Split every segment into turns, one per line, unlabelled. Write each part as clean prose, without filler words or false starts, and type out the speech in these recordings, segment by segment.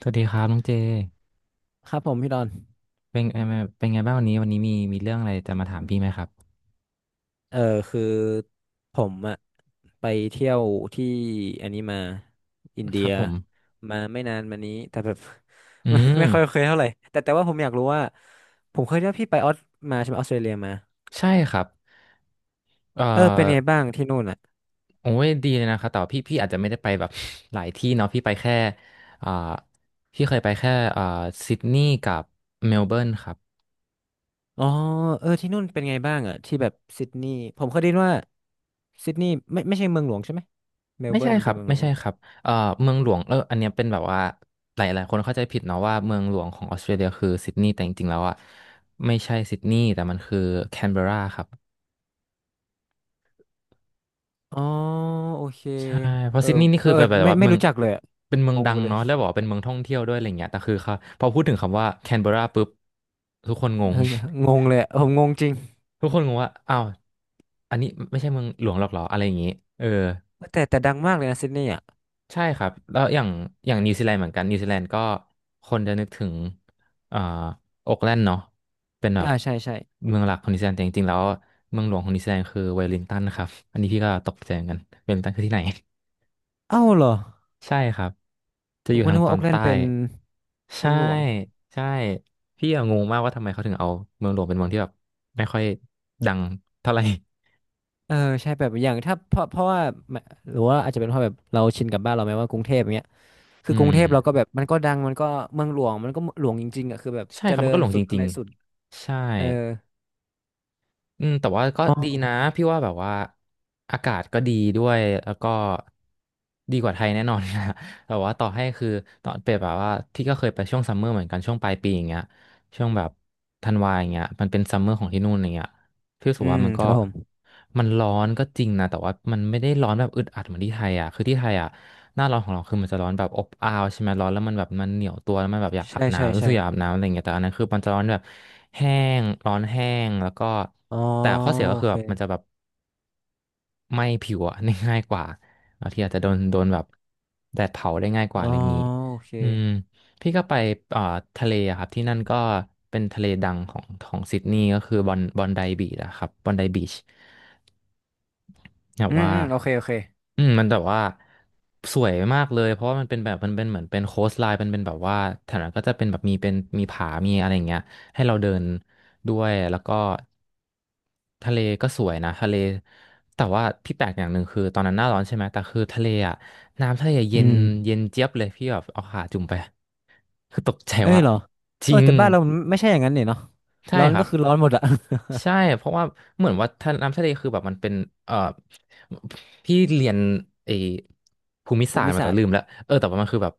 สวัสดีครับน้องเจ
ครับผมพี่ดอน
เป็นเป็นไงบ้างวันนี้วันนี้มีเรื่องอะไรจะมาถามพี่ไหมครับ
เออคือผมอะไปเที่ยวที่อันนี้มาอิน
ค
เดี
รั
ย
บผม
มาไม่นานมานี้แต่แบบ
อื
ไม่
ม
ค่อยเคยเท่าไหร่แต่ว่าผมอยากรู้ว่าผมเคยได้พี่ไปออสมาใช่ไหมออสเตรเลียมา
ใช่ครับเอ่อ
เออเป็นไงบ้างที่นู่นอ่ะ
โอ้ยดีเลยนะครับแต่ว่าพี่อาจจะไม่ได้ไปแบบ หลายที่เนาะพี่ไปแค่อ่าพี่เคยไปแค่อ่าซิดนีย์กับเมลเบิร์นครับ
อ๋อเออที่นู่นเป็นไงบ้างอ่ะที่แบบซิดนีย์ผมเคยได้ยินว่าซิดนีย์ไม่ใช่เมืองหลวงใช่ไหมเมล
ไม่
เบิ
ใช่
ร์น
ค
เป็
รั
น
บ
เมืองหล
ไม่
วงห
ใช่
รือเป
ค
ล่า
รับเอ่อเมืองหลวงเอออันเนี้ยเป็นแบบว่าหลายคนเข้าใจผิดเนาะว่าเมืองหลวงของออสเตรเลียคือซิดนีย์แต่จริงๆแล้วอ่ะไม่ใช่ซิดนีย์แต่มันคือแคนเบอร์ราครับ
อ๋อโอเค
ใช่เพ
เอ
ราะ
อ
ซิดนีย์นี่
เอ
คือ
อ
แบบ
ไม่
ว่า
ไม่
เมือง
รู้จักเลยอะ
เป็นเมือ
ง
ง
ง
ดั
ไป
ง
เลย
เนาะแล้วบอกว่าเป็นเมืองท่องเที่ยวด้วยอะไรเงี้ยแต่คือเขาพอพูดถึงคำว่าแคนเบอรราปุ๊บทุกคนง ง
เอองงเลยอะผมงงจริง
ทุกคนงงว่าอ้าวอันนี้ไม่ใช่เมืองหลวงหรอกเหรออะไรอย่างงี้เออ
แต่ดังมากเลยนะซิดนีย์อ่ะ
ใช่ครับแล้วอย่างนิวซีแลนด์เหมือนกันนิวซีแลนด์ก็คนจะนึกถึงอ่าโอ๊คแลนด์เนาะเป็นแบบ
อ่าใช่ใช่
เมืองหลักของนิวซีแลนด์แต่จริงๆแล้วเมืองหลวงของนิวซีแลนด์คือเวลลิงตันนะครับอันนี้พี่ก็ตกใจเหมือนกันเวลลิงตันคือที่ไหน
เอ้าเหรอ
ใช่ครับจะ
ผ
อ
ม
ยู่
ก็
ทา
นึ
ง
ก
ต
ว่า
อ
โอ๊
น
กแลน
ใต้
ด์เป็นเมื
ใช่
องหลวง
ใช่พี่อะงงมากว่าทำไมเขาถึงเอาเมืองหลวงเป็นเมืองที่แบบไม่ค่อยดังเท่าไหร่
เออใช่แบบอย่างถ้าเพราะว่าแมหรือว่าอาจจะเป็นเพราะแบบเราชินกับบ้านเราไหมว่ากรุงเทพอย่างเงี้ยคื
อื
อกรุงเท
ม
พเราก็แบบมันก็ดังมันก็เมืองหลวงมันก็หลวงจริงๆอ่ะคือแบบ
ใช่
เจ
ครับ
ริ
มัน
ญ
ก็หลง
สุ
จ
ดอะ
ริ
ไร
ง
สุด
ๆใช่
เออ
อืมแต่ว่าก็
อ๋อ
ดีนะพี่ว่าแบบว่าอากาศก็ดีด้วยแล้วก็ดีกว่าไทยแน่นอนนะ แต่ว่าต่อให้คือตอนเปรียบแบบว่าพี่ก็เคยไปช่วงซัมเมอร์เหมือนกันช่วงปลายปีอย่างเงี้ยช่วงแบบธันวาอย่างเงี้ยมันเป็นซัมเมอร์ของที่นู่นอย่างเงี้ยพี่รู้สึ
อื
กว่า
ม
มัน
ค
ก็
รับผม
มันร้อนก็จริงนะแต่ว่ามันไม่ได้ร้อนแบบอึดอัดเหมือนที่ไทยอ่ะคือที่ไทยอ่ะ หน้าร้อนของเราคือมันจะร้อนแบบอบอ้าวใช่ไหมร้อนแล้วมันแบบมันเหนียวตัวแล้วมันแบบอยากอา
ใช่
บ
ใช่
น้ำรู้สึ
ใช่
กอยากอาบน้ำอะไรอย่างเงี้ยแต่อันนั้นคือมันจะร้อนแบบแห้งร้อนแห้งแล้วก็
อ๋อ
แต่ข้อเสียก็
โอ
คือ
เค
แบบมันจะแบบไหม้ผิวอะ ได้ง่ายกว่าบางทีอาจจะโดนแบบแดดเผาได้ง่ายก
อ๋
ว่า
อ
อะไรอย่างงี้
โอเค
อืมพี่ก็ไปเอ่อทะเลอะครับที่นั่นก็เป็นทะเลดังของของซิดนีย์ก็คือบอนไดบีชอะครับบอนไดบีช แบบ
อืม
ว่า
อืมโอเคโอเค
อืมมันแบบว่าสวยมากเลยเพราะว่ามันเป็นแบบมันเป็นเหมือนเป็นโคสไลน์มันเป็นแบบว่าแถวนั้นก็จะเป็นแบบมีเป็นมีผามีอะไรอย่างเงี้ยให้เราเดินด้วยแล้วก็ทะเลก็สวยนะทะเลแต่ว่าพี่แปลกอย่างหนึ่งคือตอนนั้นหน้าร้อนใช่ไหมแต่คือทะเลอ่ะน้ำทะเลเย็
อื
น
ม
เย็นเจี๊ยบเลยพี่แบบเอาขาจุ่มไปคือตกใจ
เอ้ย
ว่า
เหรอ
จ
เอ
ริ
อ
ง
แต่บ้านเรามันไม่ใช่อย่างนั้นเนี่ยเนาะ
ใช่
ร้อน
ครั
ก็
บ
คือร้อนหมดอะ
ใช่เพราะว่าเหมือนว่าน้ำทะเลคือแบบมันเป็นเอ่อพี่เรียนไอ้ภูมิ
ภู
ศาสตร์
มิ
มาแต่
ศาสต
ลื
ร์
มแล้วเออแต่ว่ามันคือแบบ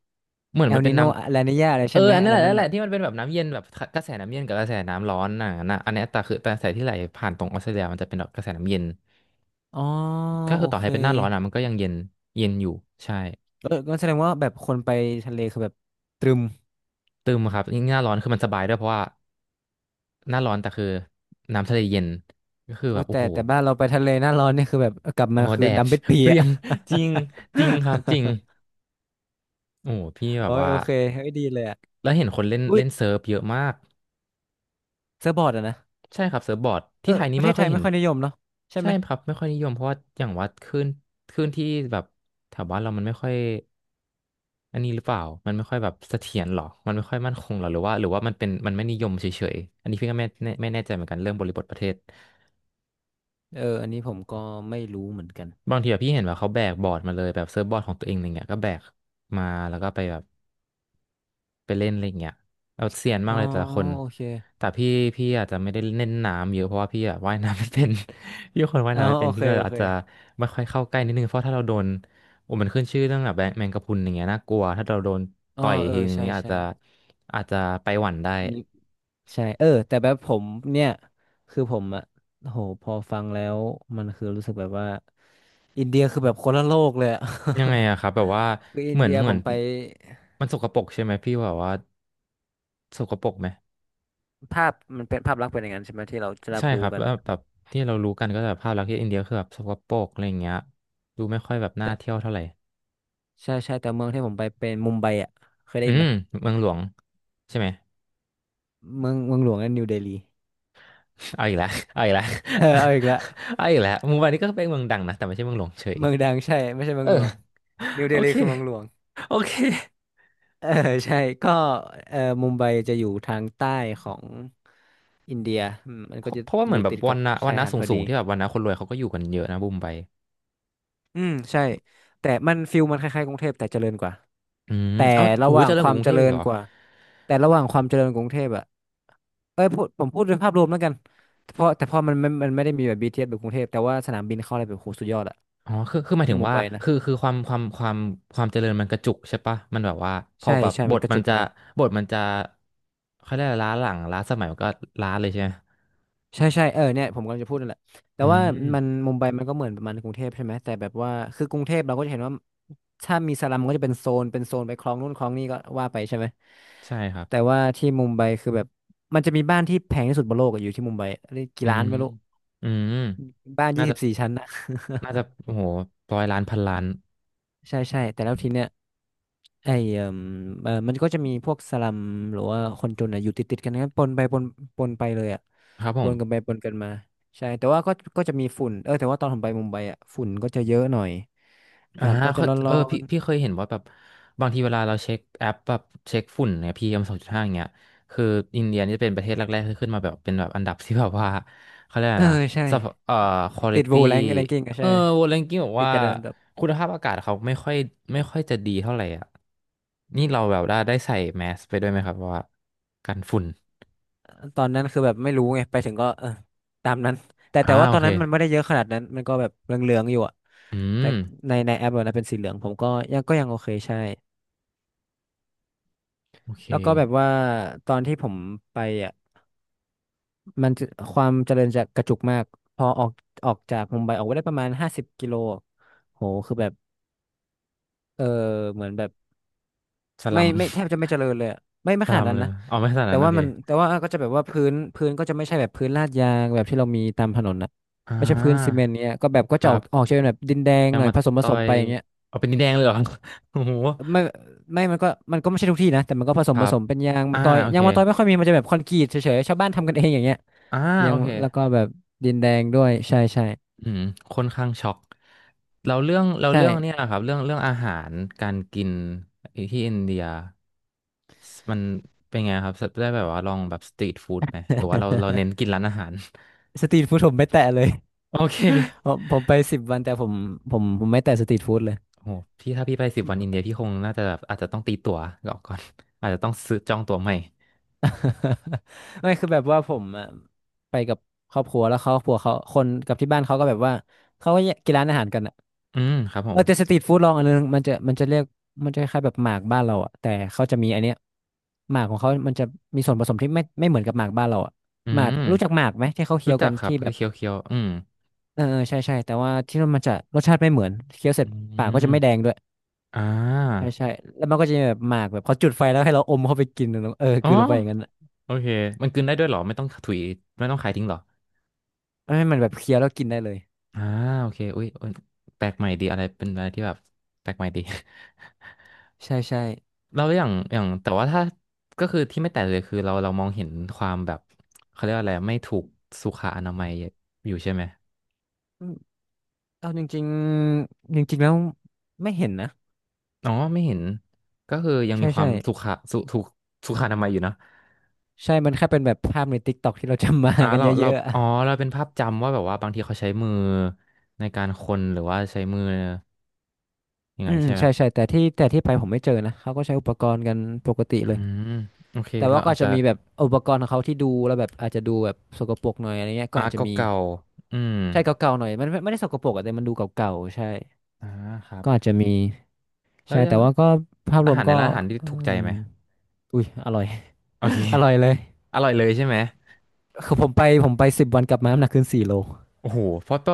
เหมือน
เอ
มั
ล
นเป็
นิ
น
โน
น้
ลานีญาอะไร
ำเอ
ใช่
อ
ไหม
อันนั้
อะ
น
ไร
แหละ
นั่
นั่น
น
แหละ
อะ
ที่มันเป็นแบบน้ำเย็นแบบกระแสน้ำเย็นกับกระแสน้ำร้อนน่ะนะอันเนี้ยแต่กระแสที่ไหลผ่านตรงออสเตรเลียมันจะเป็นแบบกระแสน้ำเย็น
อ๋อ
ก็
โอ
คือต่อ
เค
ให้เป็นหน้าร้อนอ่ะมันก็ยังเย็นเย็นอยู่ใช่
เออก็แสดงว่าแบบคนไปทะเลคือแบบตรึม
ตึมครับยิ่งหน้าร้อนคือมันสบายด้วยเพราะว่าหน้าร้อนแต่คือน้ำทะเลเย็นก็คือแบ
โอ้
บ
ย
โอ้
แต่
โห
แต่บ้านเราไปทะเลหน้าร้อนเนี่ยคือแบบกลับ
โอ้
มา
โห
คือ
แดด
ดำเป็ดเปี
เป
ย
รี้ย
อะ
งจริงจริงครับจริง โอ้โหพี่แบ
โอ้
บ
ย
ว่า
โอเคเฮ้ยดีเลยอะ
แล้วเห็นคนเล่น
อุ้ย
เล่นเซิร์ฟเยอะมาก
เซิร์ฟบอร์ดอะนะ
ใช่ครับเซิร์ฟบอร์ด
เอ
ที่
อ
ไทย
ป
นี่
ระเท
ไม่
ศไท
ค่อย
ย
เห็
ไม่
น
ค่อยนิยมเนาะใช่ไห
ใช่
ม
ครับไม่ค่อยนิยมเพราะว่าอย่างว่าคลื่นคลื่นที่แบบแถวบ้านเรามันไม่ค่อยอันนี้หรือเปล่ามันไม่ค่อยแบบเสถียรหรอมันไม่ค่อยมั่นคงหรอหรือว่ามันเป็นมันไม่นิยมเฉยๆอันนี้พี่ก็ไม่แน่ใจเหมือนกันเรื่องบริบทประเทศ
เอออันนี้ผมก็ไม่รู้เหมือนกัน
บางทีแบบพี่เห็นว่าเขาแบกบอร์ดมาเลยแบบเซิร์ฟบอร์ดของตัวเองอะไรเงี้ยก็แบกมาแล้วก็ไปแบบ ไปเล่นอะไรอย่างเงี้ยเอาเซียนมา
อ๋อ
กเลยแต่ละคน
โอเค
แต่พี่อาจจะไม่ได้เล่นน้ำเยอะเพราะว่าพี่อะว่ายน้ำไม่เป็น พี่เป็นคนว่าย
อ๋อ
น้ำไม่
โอ
เป็นพี่
เค
ก็
โอ
อา
เค
จจะไม่ค่อยเข้าใกล้นิดนึงเพราะถ้าเราโดนโอ้มันขึ้นชื่อเรื่องแบบแมงกะพรุนอย่างเงี้ยน่ากลัวถ้าเราโดน
อ๋อ
ต่อย
เออ
ทีนึง
ใช่
เนี่ยอาจ
ใช่
จะอาจจะไปหวั่นได้
มี ใช่เออแต่แบบผมเนี่ยคือผมอะโหพอฟังแล้วมันคือรู้สึกแบบว่าอินเดียคือแบบคนละโลกเลยอะ
ยังไงอะครับแบบว่า
คืออิ
เห
น
มือน
เดีย
เหมื
ผ
อน
มไป
มันสกปรกใช่ไหมพี่แบบว่าสกปรกไหม
ภาพมันเป็นภาพลักษณ์เป็นอย่างนั้นใช่ไหมที่เราจะรับ
ใช่ค
รู้
รับ
กัน
แล้ว
อะ
แบบที่เรารู้กันก็แบบภาพลักษณ์ที่อินเดียคือแบบสกปรกอะไรอย่างเงี้ยดูไม่ค่อยแบบน่า
แต่
เที่ยวเท่าไหร่
ใช่ใช่แต่เมืองที่ผมไปเป็นมุมไบอะเคยได้
อื
ยินไห
ม
ม
เมืองหลวงใช่ไหม
เมืองหลวงนั่นนิวเดลี
เอาอีกแล้วเอาอีกแล้ว
เออเอาอีกละ
เอาอีกแล้วมุมไบานี่ก็เป็นเมืองดังนะแต่ไม่ใช่เมืองหลวงเฉย
เมืองดังใช่ไม่ใช่เมืองหลวง
เออ
นิวเด
โอ
ลี
เค
คือเมืองหลวง
โอเค
เออใช่ก็เออมุมไบจะอยู่ทางใต้ของอินเดียอืมมัน
เพ
ก็
ราะ
จะ
เพราะว่าเห
อ
มือน
ยู่
แบบ
ติด
วั
กับ
นนะวัน
ชาย
นะ
หาด
สู
พ
ง
อ
สู
ดี
งที่แบบวันนะคนรวยเขาก็อยู่กันเยอะนะบุมไป
อืมใช่แต่มันฟิลมันคล้ายๆกรุงเทพแต่เจริญกว่า
อืม
แต่
เอ้า
ระ
โห
หว่าง
เจริญ
ค
ก
วา
ว่า
ม
กรุง
เจ
เทพ
ริ
อีก
ญ
เหรอ
กว่าแต่ระหว่างความเจริญกรุงเทพอะเอ้ยพูดผมพูดโดยภาพรวมแล้วกันเพราะแต่พอมันไม่มันไม่ได้มีแบบบีทีเ t สแบบกรุงเทพแต่ว่าสนามบินเข้าอะไรแบบโหสุดยอดอะ
อ๋อคือหมาย
ที่
ถึง
มุม
ว่า
ไบนะ
คือความความเจริญมันกระจุกใช่ปะมันแบบว่าพอ
ใช่
แบบ
ใช่มันกระจุกมาก
บทมันจะเขาเรียกอะไรล้าหลังล้าสมัยมันก็ล้าเลยใช่ไหม
ใช่ใช่เออเนี่ยผมกำลังจะพูดนั่นแหละแต่
อื
ว่ามัน
ม
มุมไบมันก็เหมือนประมาณกรุงเทพใช่ไหมแต่แบบว่าคือกรุงเทพเราก็จะเห็นว่าถ้ามีสลัมมันก็จะเป็นโซนเป็นโซนไปคลองนู่นคลองนี่ก็ว่าไปใช่ไหม
ใช่ครับ
แต่ว่าที่มุมไบคือแบบมันจะมีบ้านที่แพงที่สุดบนโลกอะอยู่ที่มุมไบเรียกกี่
อื
ล้าน
ม
ไม่รู้
อืม
บ้านยี่
น่า
สิ
จะ
บสี่ชั้น
น่าจะโอ้โหร้อยล้านพันล้าน
ใช่ใช่แต่แล้วทีเนี้ยไอ้เอ่มเอ่อมันก็จะมีพวกสลัมหรือว่าคนจนอ่ะอยู่ติดกันนะปนไปปนปนไปเลยอ่ะ
ครับผ
ปนกันไป
ม
ปนกันมาใช่แต่ว่าก็ก็จะมีฝุ่นเออแต่ว่าตอนผมไปมุมไบอ่ะฝุ่นก็จะเยอะหน่อยอา
อ่า
กาศก็จะ
เขา
ร
เอ
้
อ
อ
พี่
น
พี่เคยเห็นว่าแบบบางทีเวลาเราเช็คแอปแบบเช็คฝุ่นเนี่ยPM 2.5อย่างเงี้ยคืออินเดียนี่จะเป็นประเทศแรกๆที่ขึ้นมาแบบเป็นแบบอันดับที่แบบว่าเขาเรียก
ๆ
อะ
เอ
ไร
อ
นะ
ใช่
สภาพคุณ
ติ
ภา
ด
พ
โวแรงแรงกิ้งอ่ะ
เอ
ใช่
อวอลเลนกิ้งบอก
ติด
ว่า
จัดอันดับ
คุณภาพอากาศเขาไม่ค่อยจะดีเท่าไหร่อ่ะนี่เราแบบได้ใส่แมสไปด้วยไหมครับว่ากันฝุ่น
ตอนนั้นคือแบบไม่รู้ไงไปถึงก็เออตามนั้นแต่
อ่า
แต่ว่า
โอ
ตอน
เค
นั้นมันไม่ได้เยอะขนาดนั้นมันก็แบบเหลืองๆอยู่อ่ะ
อื
แต่
ม
ในแอปอะนะเป็นสีเหลืองผมก็ยังก็ยังโอเคใช่
โอเค
แล้วก็แบบว่าตอนที่ผมไปอ่ะมันจะความเจริญจะกระจุกมากพอออกออกจากมุมไบออกไปได้ประมาณ50 กิโลโหคือแบบเออเหมือนแบบ
ส
ไม่
ลัม
ไม่แทบจะไม่เจ ริญเลยอะไม่
ส
ข
ลั
นาด
ม
นั้
เล
น
ย
นะ
นะอ๋อไม่ขนาด
แต่
นั้นโอ
ว่า
เค
มันแต่ว่าก็จะแบบว่าพื้นก็จะไม่ใช่แบบพื้นลาดยางแบบที่เรามีตามถนนนะ
อ่
ไม่ใช่พื้นซีเม
า
นต์เนี้ยก็แบบก็
ค
จะอ
รั
อก
บ
ออกจะเป็นแบบดินแดง
ยั
ห
ง
น่อย
มา
ผสมผ
ต่อ
สม
ย
ไปอย่างเงี้ย
เอาเป็นดินแดงเลยเหรอ โอ้โห
ไม่ไม่มันก็มันก็ไม่ใช่ทุกที่นะแต่มันก็ผส
ค
ม
รั
ผ
บ
สมเป็นยาง
อ่า
มะตอย
โอ
ยา
เค
งมะตอยไม่ค่อยมีมันจะแบบคอนกรีตเฉยๆชาวบ้านทำกันเองอย่างเงี้ย
อ่า
ยา
โอ
ง
เค
แล้วก็แบบดินแดงด้วยใช่ใช่
อืมค่อนข้างช็อกเราเรื่องเรา
ใ
เรื่องเนี่ย
ช่
ครับเรื่องอาหารการกินที่อินเดียมันเป็นไงครับได้แบบว่าลองแบบสตรีทฟู้ดไหมหรือว่าเราเน้นกินร้านอาหาร
สตรีทฟู้ดผมไม่แตะเลย
โอเค
ผมไปสิบวันแต่ผมไม่แตะสตรีทฟู้ดเลย
โหพี่ถ้าพี่ไปสิบวันอินเดียพี่คงน่าจะแบบอาจจะต้องตีตั๋วก่อน อาจจะต้องซื้อจองตั๋วใหม่
ไม่คือแบบว่าผมอะไปกับครอบครัวแล้วครอบครัวเขาคนกับที่บ้านเขาก็แบบว่าเขาก็แยกกินร้านอาหารกันอะ
อืมครับผ
เออ
ม
แต่สตรีทฟู้ดลองอันนึงมันจะคล้ายๆแบบหมากบ้านเราอะแต่เขาจะมีอันเนี้ยหมากของเขามันจะมีส่วนผสมที่ไม่เหมือนกับหมากบ้านเราอะ
อื
หมาก
ม
รู้จักหมากไหมที่เขาเคี้
รู้
ยว
จั
กั
ก
น
ครับ
ที่แบ
ก็
บ
เคี้ยวอืม
เออเออใช่ใช่แต่ว่าที่นั่นมันจะรสชาติไม่เหมือนเคี้ยวเสร็
อื
จปากก็จะ
ม
ไม่แดงด้วย
อ่
ใช่
า
ใช่แล้วมันก็จะมีแบบหมากแบบเขาจุดไฟแล้วให้เราอมเข้าไปกินเนอะเออ
อ๋
ก
อ
ลืนลงไปอย่างนั้นอะ
โอเคมันกลืนได้ด้วยเหรอไม่ต้องถุยไม่ต้องขายทิ้งเหรอ
ให้มันแบบเคี้ยวแล้วกินได้เลย
อ่าโอเคอุ้ยอุ๊ยแปลกใหม่ดีอะไรเป็นอะไรที่แบบแปลกใหม่ดี
ใช่ใช่
เราอย่างอย่างแต่ว่าถ้าก็คือที่ไม่แตกเลยคือเรามองเห็นความแบบเขาเรียกว่าอะไรไม่ถูกสุขอนามัยอยู่ใช่ไหม
อืมเอาจริงๆจริงๆแล้วไม่เห็นนะ
อ๋อไม่เห็นก็คือยัง
ใช่
มีควา
ใช่
มสุขะสุถูกสุขอนามัยอยู่นะ
ใช่มันแค่เป็นแบบภาพในติ๊กต็อกที่เราจำมา
อ่า
กัน
เรา
เย
เรา
อะๆอะ
อ๋อเราเป็นภาพจำว่าแบบว่าบางทีเขาใช้มือในการคนหรือว่าใช้มืออย่าง
อื
นั้น
ม
ใช่ไหม
ใช่ใช่แต่ที่ไปผมไม่เจอนะเขาก็ใช้อุปกรณ์กันปกติ
อื
เลย
มโอเค
แต่
เรา
ว่าก็
อาจ
จะ
จะ
มีแบบอุปกรณ์ของเขาที่ดูแล้วแบบอาจจะดูแบบสกปรกหน่อยอะไรเงี้ยก็
อา
อา
ร์
จ
ต
จะมี
เก่าๆอืม
ใช่เก่าๆหน่อยมันไม่ได้สกปรกอะแต่มันดูเก่าๆใช่
อ่าครับ
ก็อาจจะมี
แล้ว
ใช่แต่ว่าก็ภาพร
อา
วม
หารใน
ก็
ร้านอาหารที่
อื
ถูกใจ
ม
ไหม
อุ้ยอร่อย
โอเค
อร่อยเลย
อร่อยเลยใช่ไหม
คือผมไปสิบวันกลับมาน้ำหนักขึ้น4 โล
โอ้โหเพราะก็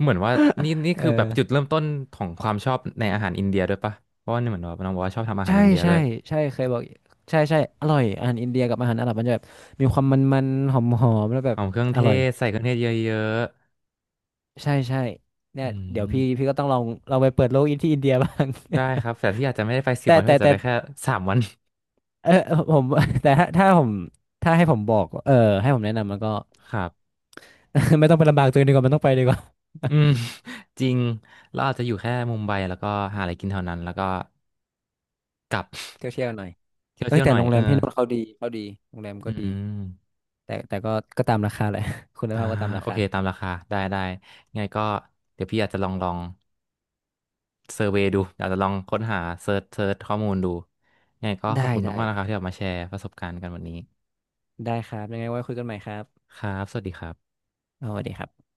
เหมือนว่านี่นี่
เอ
คือแบบจุด
อ
เริ่มต้นของความชอบในอาหารอินเดียด้วยปะเพราะว่านี่เหมือนว่าน้องบอกว่าชอบทำอาหา
ใช่
รอินเดีย
ใช่
ด้วย
ใช่เคยบอกใช่ใช่อร่อยอาหารอินเดียกับอาหารอาหรับมันจะแบบมีความมันๆหอมๆแล้วแบ
ห
บ
อมเครื่อง
อ
เท
ร่อย
ศใส่เครื่องเทศเยอะ
ใช่ใช่
ๆ
เนี่
อื
ยเดี๋ยว
ม
พี่ก็ต้องลองลองไปเปิดโลกอินที่อินเดียบ้าง
ๆได้ครับแต่ที่อาจจะไม่ได้ไป สิบ
แต่
วันที่
แต่
อาจจะ
แต่
ไปแค่3 วัน
เออผม แต่ถ้าให้ผมบอกเออให้ผมแนะนำมันก็
ครับ
ไม่ต้องไปลำบากตัวเองดีกว่ามันต้องไปดีกว่า
อืม จริงเราอาจจะอยู่แค่มุมไบแล้วก็หาอะไรกินเท่านั้นแล้วก็กลับ
เที่ยวเที่ยวหน่อย
เที่ยว
เอ้
เที่
ย
ยว
แต่
หน่อย
โรง
เอ
แร
อ
มพี่นู่นเขาดีเขาดีโรงแรม
อื
ก็ดี
ม
แต่ก็ตามราคาแหละ คุณ
อ่า
ภาพก็ตามรา
โอ
คา
เคตามราคาได้ไงก็เดี๋ยวพี่อาจจะลองเซอร์เวย์ดูอาจจะลองค้นหาเซิร์ชข้อมูลดูไงก็ขอบ
ได้
คุณ
ได้
มากๆนะครับที่ออกมาแชร์ประสบการณ์กันวันนี้
ได้ครับยังไงไว้คุยกันใหม่ครับ
ครับสวัสดีครับ
สวัสดีครับ